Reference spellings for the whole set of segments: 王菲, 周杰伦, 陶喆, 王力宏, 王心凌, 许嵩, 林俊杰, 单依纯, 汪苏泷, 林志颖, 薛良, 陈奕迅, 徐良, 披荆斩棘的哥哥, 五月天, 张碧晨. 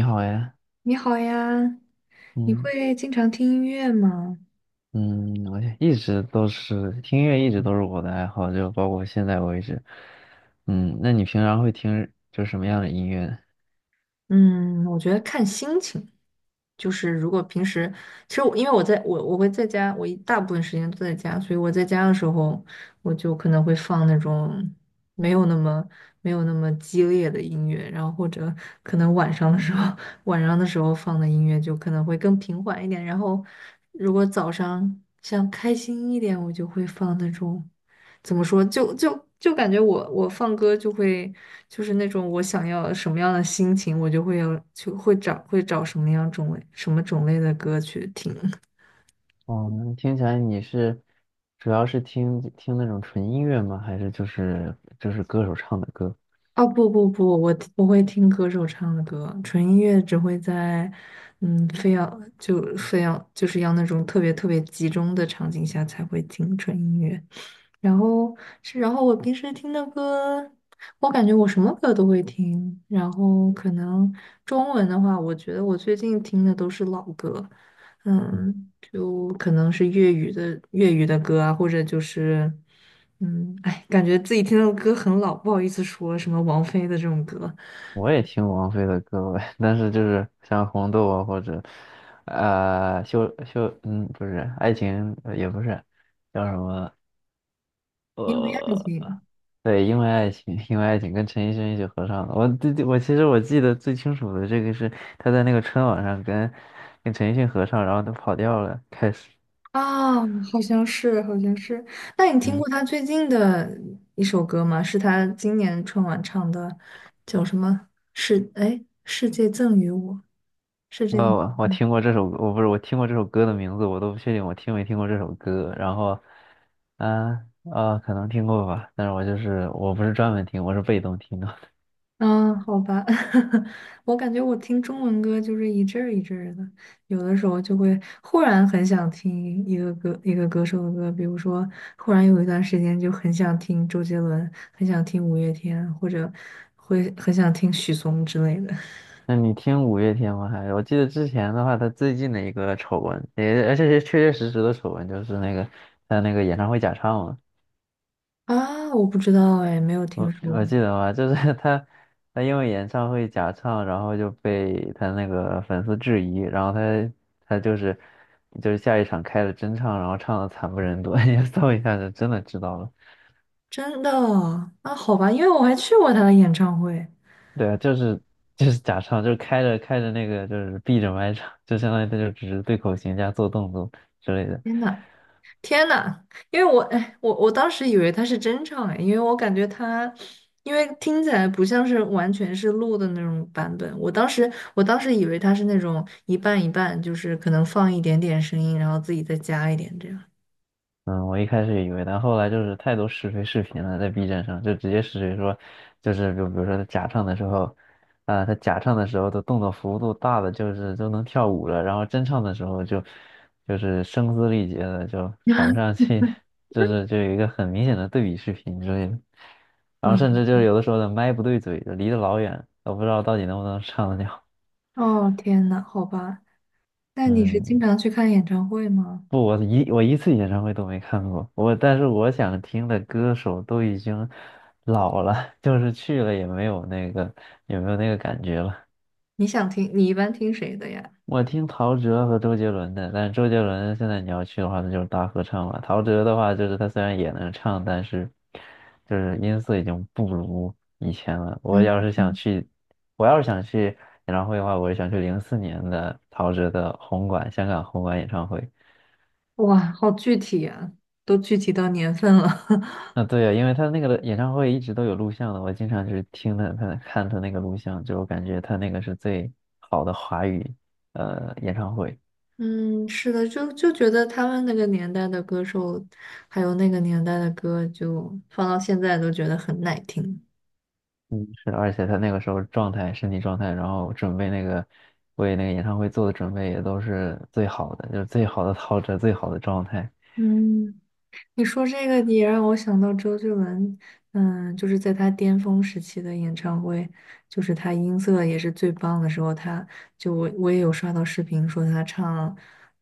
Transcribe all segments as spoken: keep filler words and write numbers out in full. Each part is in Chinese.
你好呀，你好呀，你嗯会经常听音乐吗？嗯，我一直都是听音乐，一直都是我的爱好，就包括现在为止。嗯，那你平常会听就什么样的音乐呢？嗯，我觉得看心情，就是如果平时，其实我因为我在我我会在家，我一大部分时间都在家，所以我在家的时候，我就可能会放那种没有那么没有那么激烈的音乐，然后或者可能晚上的时候，晚上的时候放的音乐就可能会更平缓一点，然后如果早上想开心一点，我就会放那种。怎么说，就就就感觉我我放歌就会就是那种我想要什么样的心情，我就会有就会找会找什么样种类什么种类的歌去听。哦，那听起来你是主要是听听那种纯音乐吗？还是就是就是歌手唱的歌？哦，不不不，我不会听歌手唱的歌，纯音乐只会在，嗯，非要就非要就是要那种特别特别集中的场景下才会听纯音乐。然后是，然后我平时听的歌，我感觉我什么歌都会听。然后可能中文的话，我觉得我最近听的都是老歌，嗯，就可能是粤语的粤语的歌啊，或者就是，嗯，哎，感觉自己听的歌很老，不好意思说什么王菲的这种歌，我也听王菲的歌呗，但是就是像红豆啊，或者呃秀秀，嗯，不是爱情，呃也不是叫什么因为爱呃情对，因为爱情，因为爱情跟陈奕迅一起合唱的。我对对，我其实我记得最清楚的这个是他在那个春晚上跟跟陈奕迅合唱，然后他跑调了，开始，啊，好像是，好像是。那你听嗯，过他最近的一首歌吗？是他今年春晚唱的，叫什么？是，哎，世界赠予我，是这我个。我我听过这首歌我不是我听过这首歌的名字，我都不确定我听没听过这首歌。然后，啊啊，可能听过吧，但是我就是我不是专门听，我是被动听的。嗯，好吧，我感觉我听中文歌就是一阵儿一阵儿的，有的时候就会忽然很想听一个歌一个歌手的歌，比如说忽然有一段时间就很想听周杰伦，很想听五月天，或者会很想听许嵩之类的。那你听五月天吗？还是我记得之前的话，他最近的一个丑闻，也而且是确确实实的丑闻，就是那个他那个演唱会假唱嘛。啊，我不知道哎，没有听我说我过，记得吧，就是 他，他因为演唱会假唱，然后就被他那个粉丝质疑，然后他他就是就是下一场开了真唱，然后唱的惨不忍睹，你搜一下就真的知道了。真的啊，好吧，因为我还去过他的演唱会，对啊，就是就是假唱，就是开着开着那个就是闭着麦唱，就相当于他就只是对口型加做动作之类的。天呐！天呐，因为我哎，我我当时以为他是真唱哎，因为我感觉他，因为听起来不像是完全是录的那种版本。我当时我当时以为他是那种一半一半，就是可能放一点点声音，然后自己再加一点这样。嗯，我一开始也以为，但后来就是太多试非视频了，在 B 站上就直接试谁说，就是就比如说他假唱的时候，啊、他假唱的时候的动作幅度大的就是都能跳舞了，然后真唱的时候就就是声嘶力竭的就喘不上气，就是就有一个很明显的对比视频之类的，然后甚至嗯，就是有的时候的麦不对嘴，就离得老远，都不知道到底能不能唱得了。哦天呐，好吧，那你是经嗯，常去看演唱会吗？不，我一我一次演唱会都没看过，我但是我想听的歌手都已经老了，就是去了也没有那个也没有那个感觉了。你想听，你一般听谁的呀？我听陶喆和周杰伦的，但是周杰伦现在你要去的话，那就是大合唱了。陶喆的话，就是他虽然也能唱，但是就是音色已经不如以前了。我嗯，要是想去，我要是想去演唱会的话，我是想去零四年的陶喆的红馆，香港红馆演唱会。哇，好具体啊，都具体到年份了。啊，对呀，因为他那个演唱会一直都有录像的，我经常就是听他他看他那个录像，就我感觉他那个是最好的华语呃演唱会。嗯，是的，就就觉得他们那个年代的歌手，还有那个年代的歌，就放到现在都觉得很耐听。嗯，是的，而且他那个时候状态、身体状态，然后准备那个为那个演唱会做的准备也都是最好的，就是最好的陶喆、最好的状态，嗯。你说这个也让我想到周杰伦，嗯，就是在他巅峰时期的演唱会，就是他音色也是最棒的时候，他就我我也有刷到视频说他唱，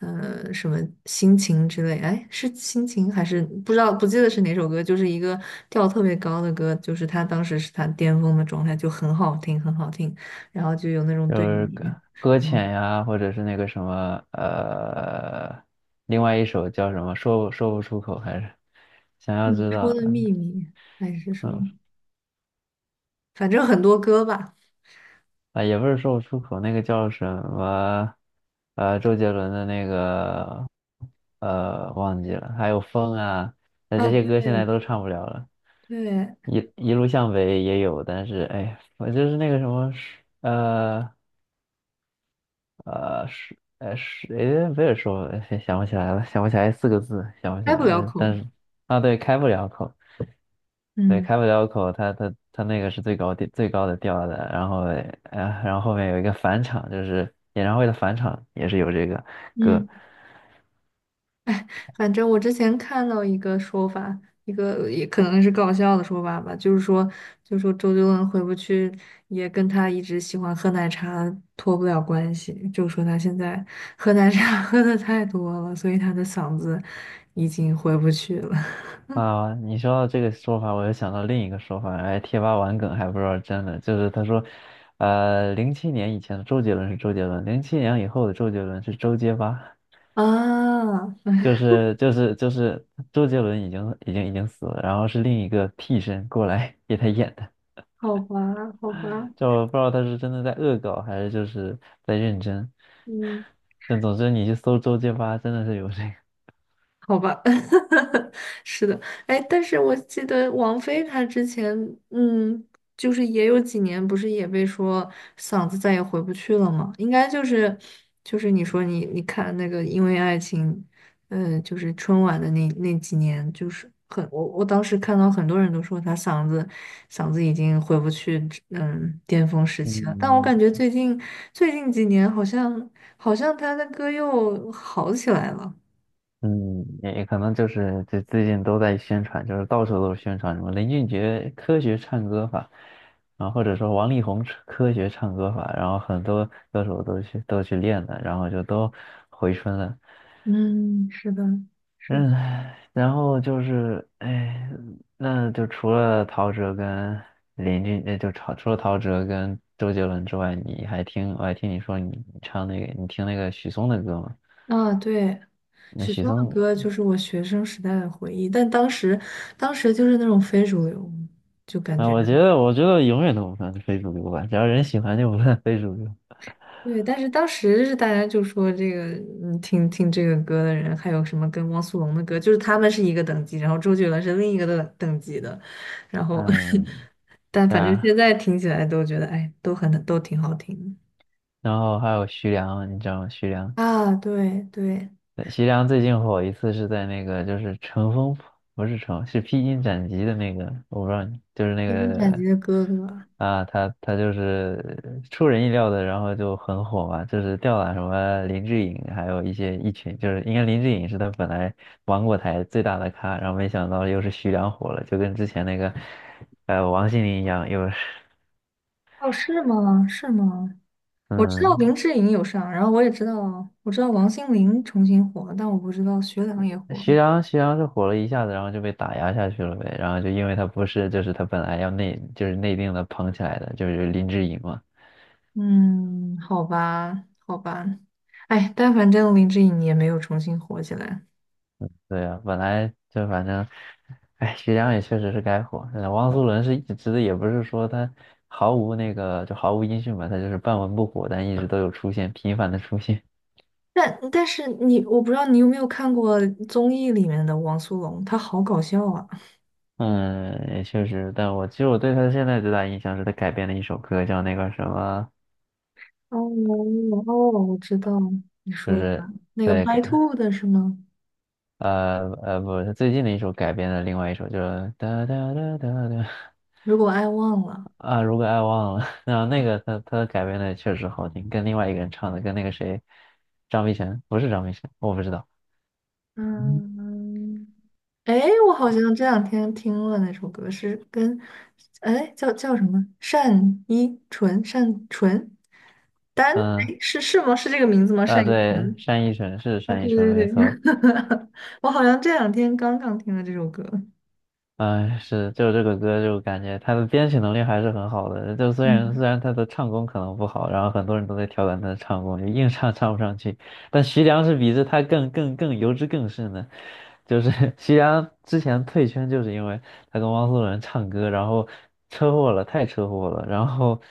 呃，什么心情之类，哎，是心情还是不知道不记得是哪首歌，就是一个调特别高的歌，就是他当时是他巅峰的状态，就很好听，很好听，然后就有那种就对是比，搁搁嗯，浅呀，或者是那个什么呃，另外一首叫什么说不说不出口，还是想你要知说道，的嗯。秘密还是什么，嗯反正很多歌吧。啊，也不是说不出口，那个叫什么，呃，周杰伦的那个，呃，忘记了，还有风啊，那这啊，些歌现在对都唱不了了。对，一一路向北也有，但是哎，我就是那个什么，呃呃是呃是，哎，不是说哎想不起来了，想不起来四个字，想不起开不来，了但口。但是啊，对，开不了口。对，嗯开不了口，他他他那个是最高调最高的调的，然后呃，然后后面有一个返场，就是演唱会的返场也是有这个歌嗯，反正我之前看到一个说法，一个也可能是搞笑的说法吧，就是说，就说周杰伦回不去，也跟他一直喜欢喝奶茶脱不了关系，就说他现在喝奶茶 喝的太多了，所以他的嗓子已经回不去了。啊。你说到这个说法，我又想到另一个说法，哎，贴吧玩梗还不知道真的，就是他说，呃，零七年以前的周杰伦是周杰伦，零七年以后的周杰伦是周杰吧，啊，就是就是就是周杰伦已经已经已经死了，然后是另一个替身过来给他演的。好吧，好吧，就我不知道他是真的在恶搞，还是就是在认真。嗯。但总之，你去搜周杰吧，真的是有这个。好吧，是的，哎，但是我记得王菲她之前，嗯，就是也有几年，不是也被说嗓子再也回不去了吗？应该就是，就是你说你你看那个《因为爱情》，呃，就是春晚的那那几年，就是很我我当时看到很多人都说她嗓子嗓子已经回不去，嗯，巅峰时期了。但我嗯感觉最近最近几年好像好像她的歌又好起来了。嗯，也也可能就是这最近都在宣传，就是到处都是宣传什么林俊杰科学唱歌法，然后或者说王力宏科学唱歌法，然后很多歌手都去都去练了，然后就都回春了。嗯，是的，是的嗯，然后就是，哎，那就除了陶喆跟林俊，那就除除了陶喆跟周杰伦之外，你还听，我还听你说你你唱那个，你听那个许嵩的歌吗？啊，对，那许许嵩的嵩，歌就是我学生时代的回忆，但当时，当时就是那种非主流，就感啊，觉我觉得，我觉得永远都不算非主流吧，只要人喜欢就不算非主流。对，但是当时是大家就说这个，嗯，听听这个歌的人，还有什么跟汪苏泷的歌，就是他们是一个等级，然后周杰伦是另一个等等级的，然后，嗯，但对反正啊，现在听起来都觉得，哎，都很都挺好听然后还有徐良，你知道吗？徐良。的啊，对对，对徐良最近火一次是在那个就是乘风破不是乘是披荆斩棘的那个，我不知道你就是那披荆斩棘个的哥哥，啊，他他就是出人意料的，然后就很火嘛，就是吊打什么林志颖，还有一些一群，就是应该林志颖是他本来芒果台最大的咖，然后没想到又是徐良火了，就跟之前那个呃王心凌一样，又是哦，是吗？是吗？我知道嗯林志颖有上，然后我也知道，我知道王心凌重新火了，但我不知道薛良也火了。徐良，徐良是火了一下子，然后就被打压下去了呗。然后就因为他不是，就是他本来要内，就是内定的捧起来的，就是林志颖嘛。嗯，好吧，好吧，哎，但反正林志颖也没有重新火起来。对啊，本来就反正，哎，徐良也确实是该火。呃汪苏泷是一直的，也不是说他毫无那个，就毫无音讯吧，他就是半文不火，但一直都有出现，频繁的出现。但但是你，我不知道你有没有看过综艺里面的王苏泷，他好搞笑啊！嗯，也确实，但我其实我对他现在最大印象是他改编了一首歌，叫那个什么，哦哦，我知道你就说的是那个对，白兔的是吗？呃呃，不是最近的一首改编的另外一首，就是哒哒哒哒哒如果爱忘了，啊，如果爱忘了，然后那个他他改编的确实好听，跟另外一个人唱的，跟那个谁，张碧晨不是张碧晨，我不知道，嗯嗯。哎，我好像这两天听了那首歌，是跟，哎，叫叫什么？单依纯，单纯，单，嗯哎，是是吗？是这个名字吗？啊单依对，纯。单依纯是啊，单对依纯对没对，错，我好像这两天刚刚听了这首歌，嗯，是，就这个歌，就感觉他的编曲能力还是很好的。就虽然虽嗯，然他的唱功可能不好，然后很多人都在调侃他的唱功，就硬唱唱不上去。但徐良是比这他更更更油脂更甚的，就是 徐良之前退圈就是因为他跟汪苏泷唱歌，然后车祸了，太车祸了，然后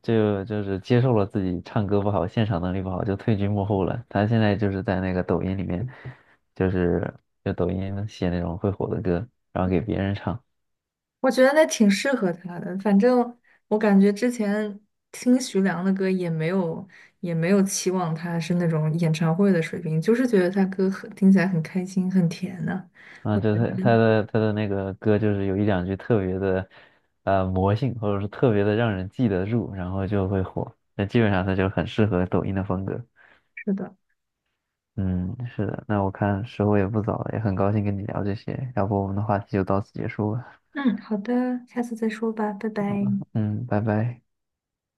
就就是接受了自己唱歌不好，现场能力不好，就退居幕后了。他现在就是在那个抖音里面。就是就抖音写那种会火的歌，然后给别人唱。我觉得那挺适合他的。反正我感觉之前听徐良的歌也没有也没有期望他是那种演唱会的水平，就是觉得他歌很听起来很开心，很甜呢、我嗯，觉就他得他的他的那个歌，就是有一两句特别的，呃，魔性，或者是特别的让人记得住，然后就会火。那基本上他就很适合抖音的风格。是的。嗯，是的。那我看时候也不早了，也很高兴跟你聊这些，要不我们的话题就到此结束吧。嗯，好的，下次再说吧，拜拜。嗯，拜拜。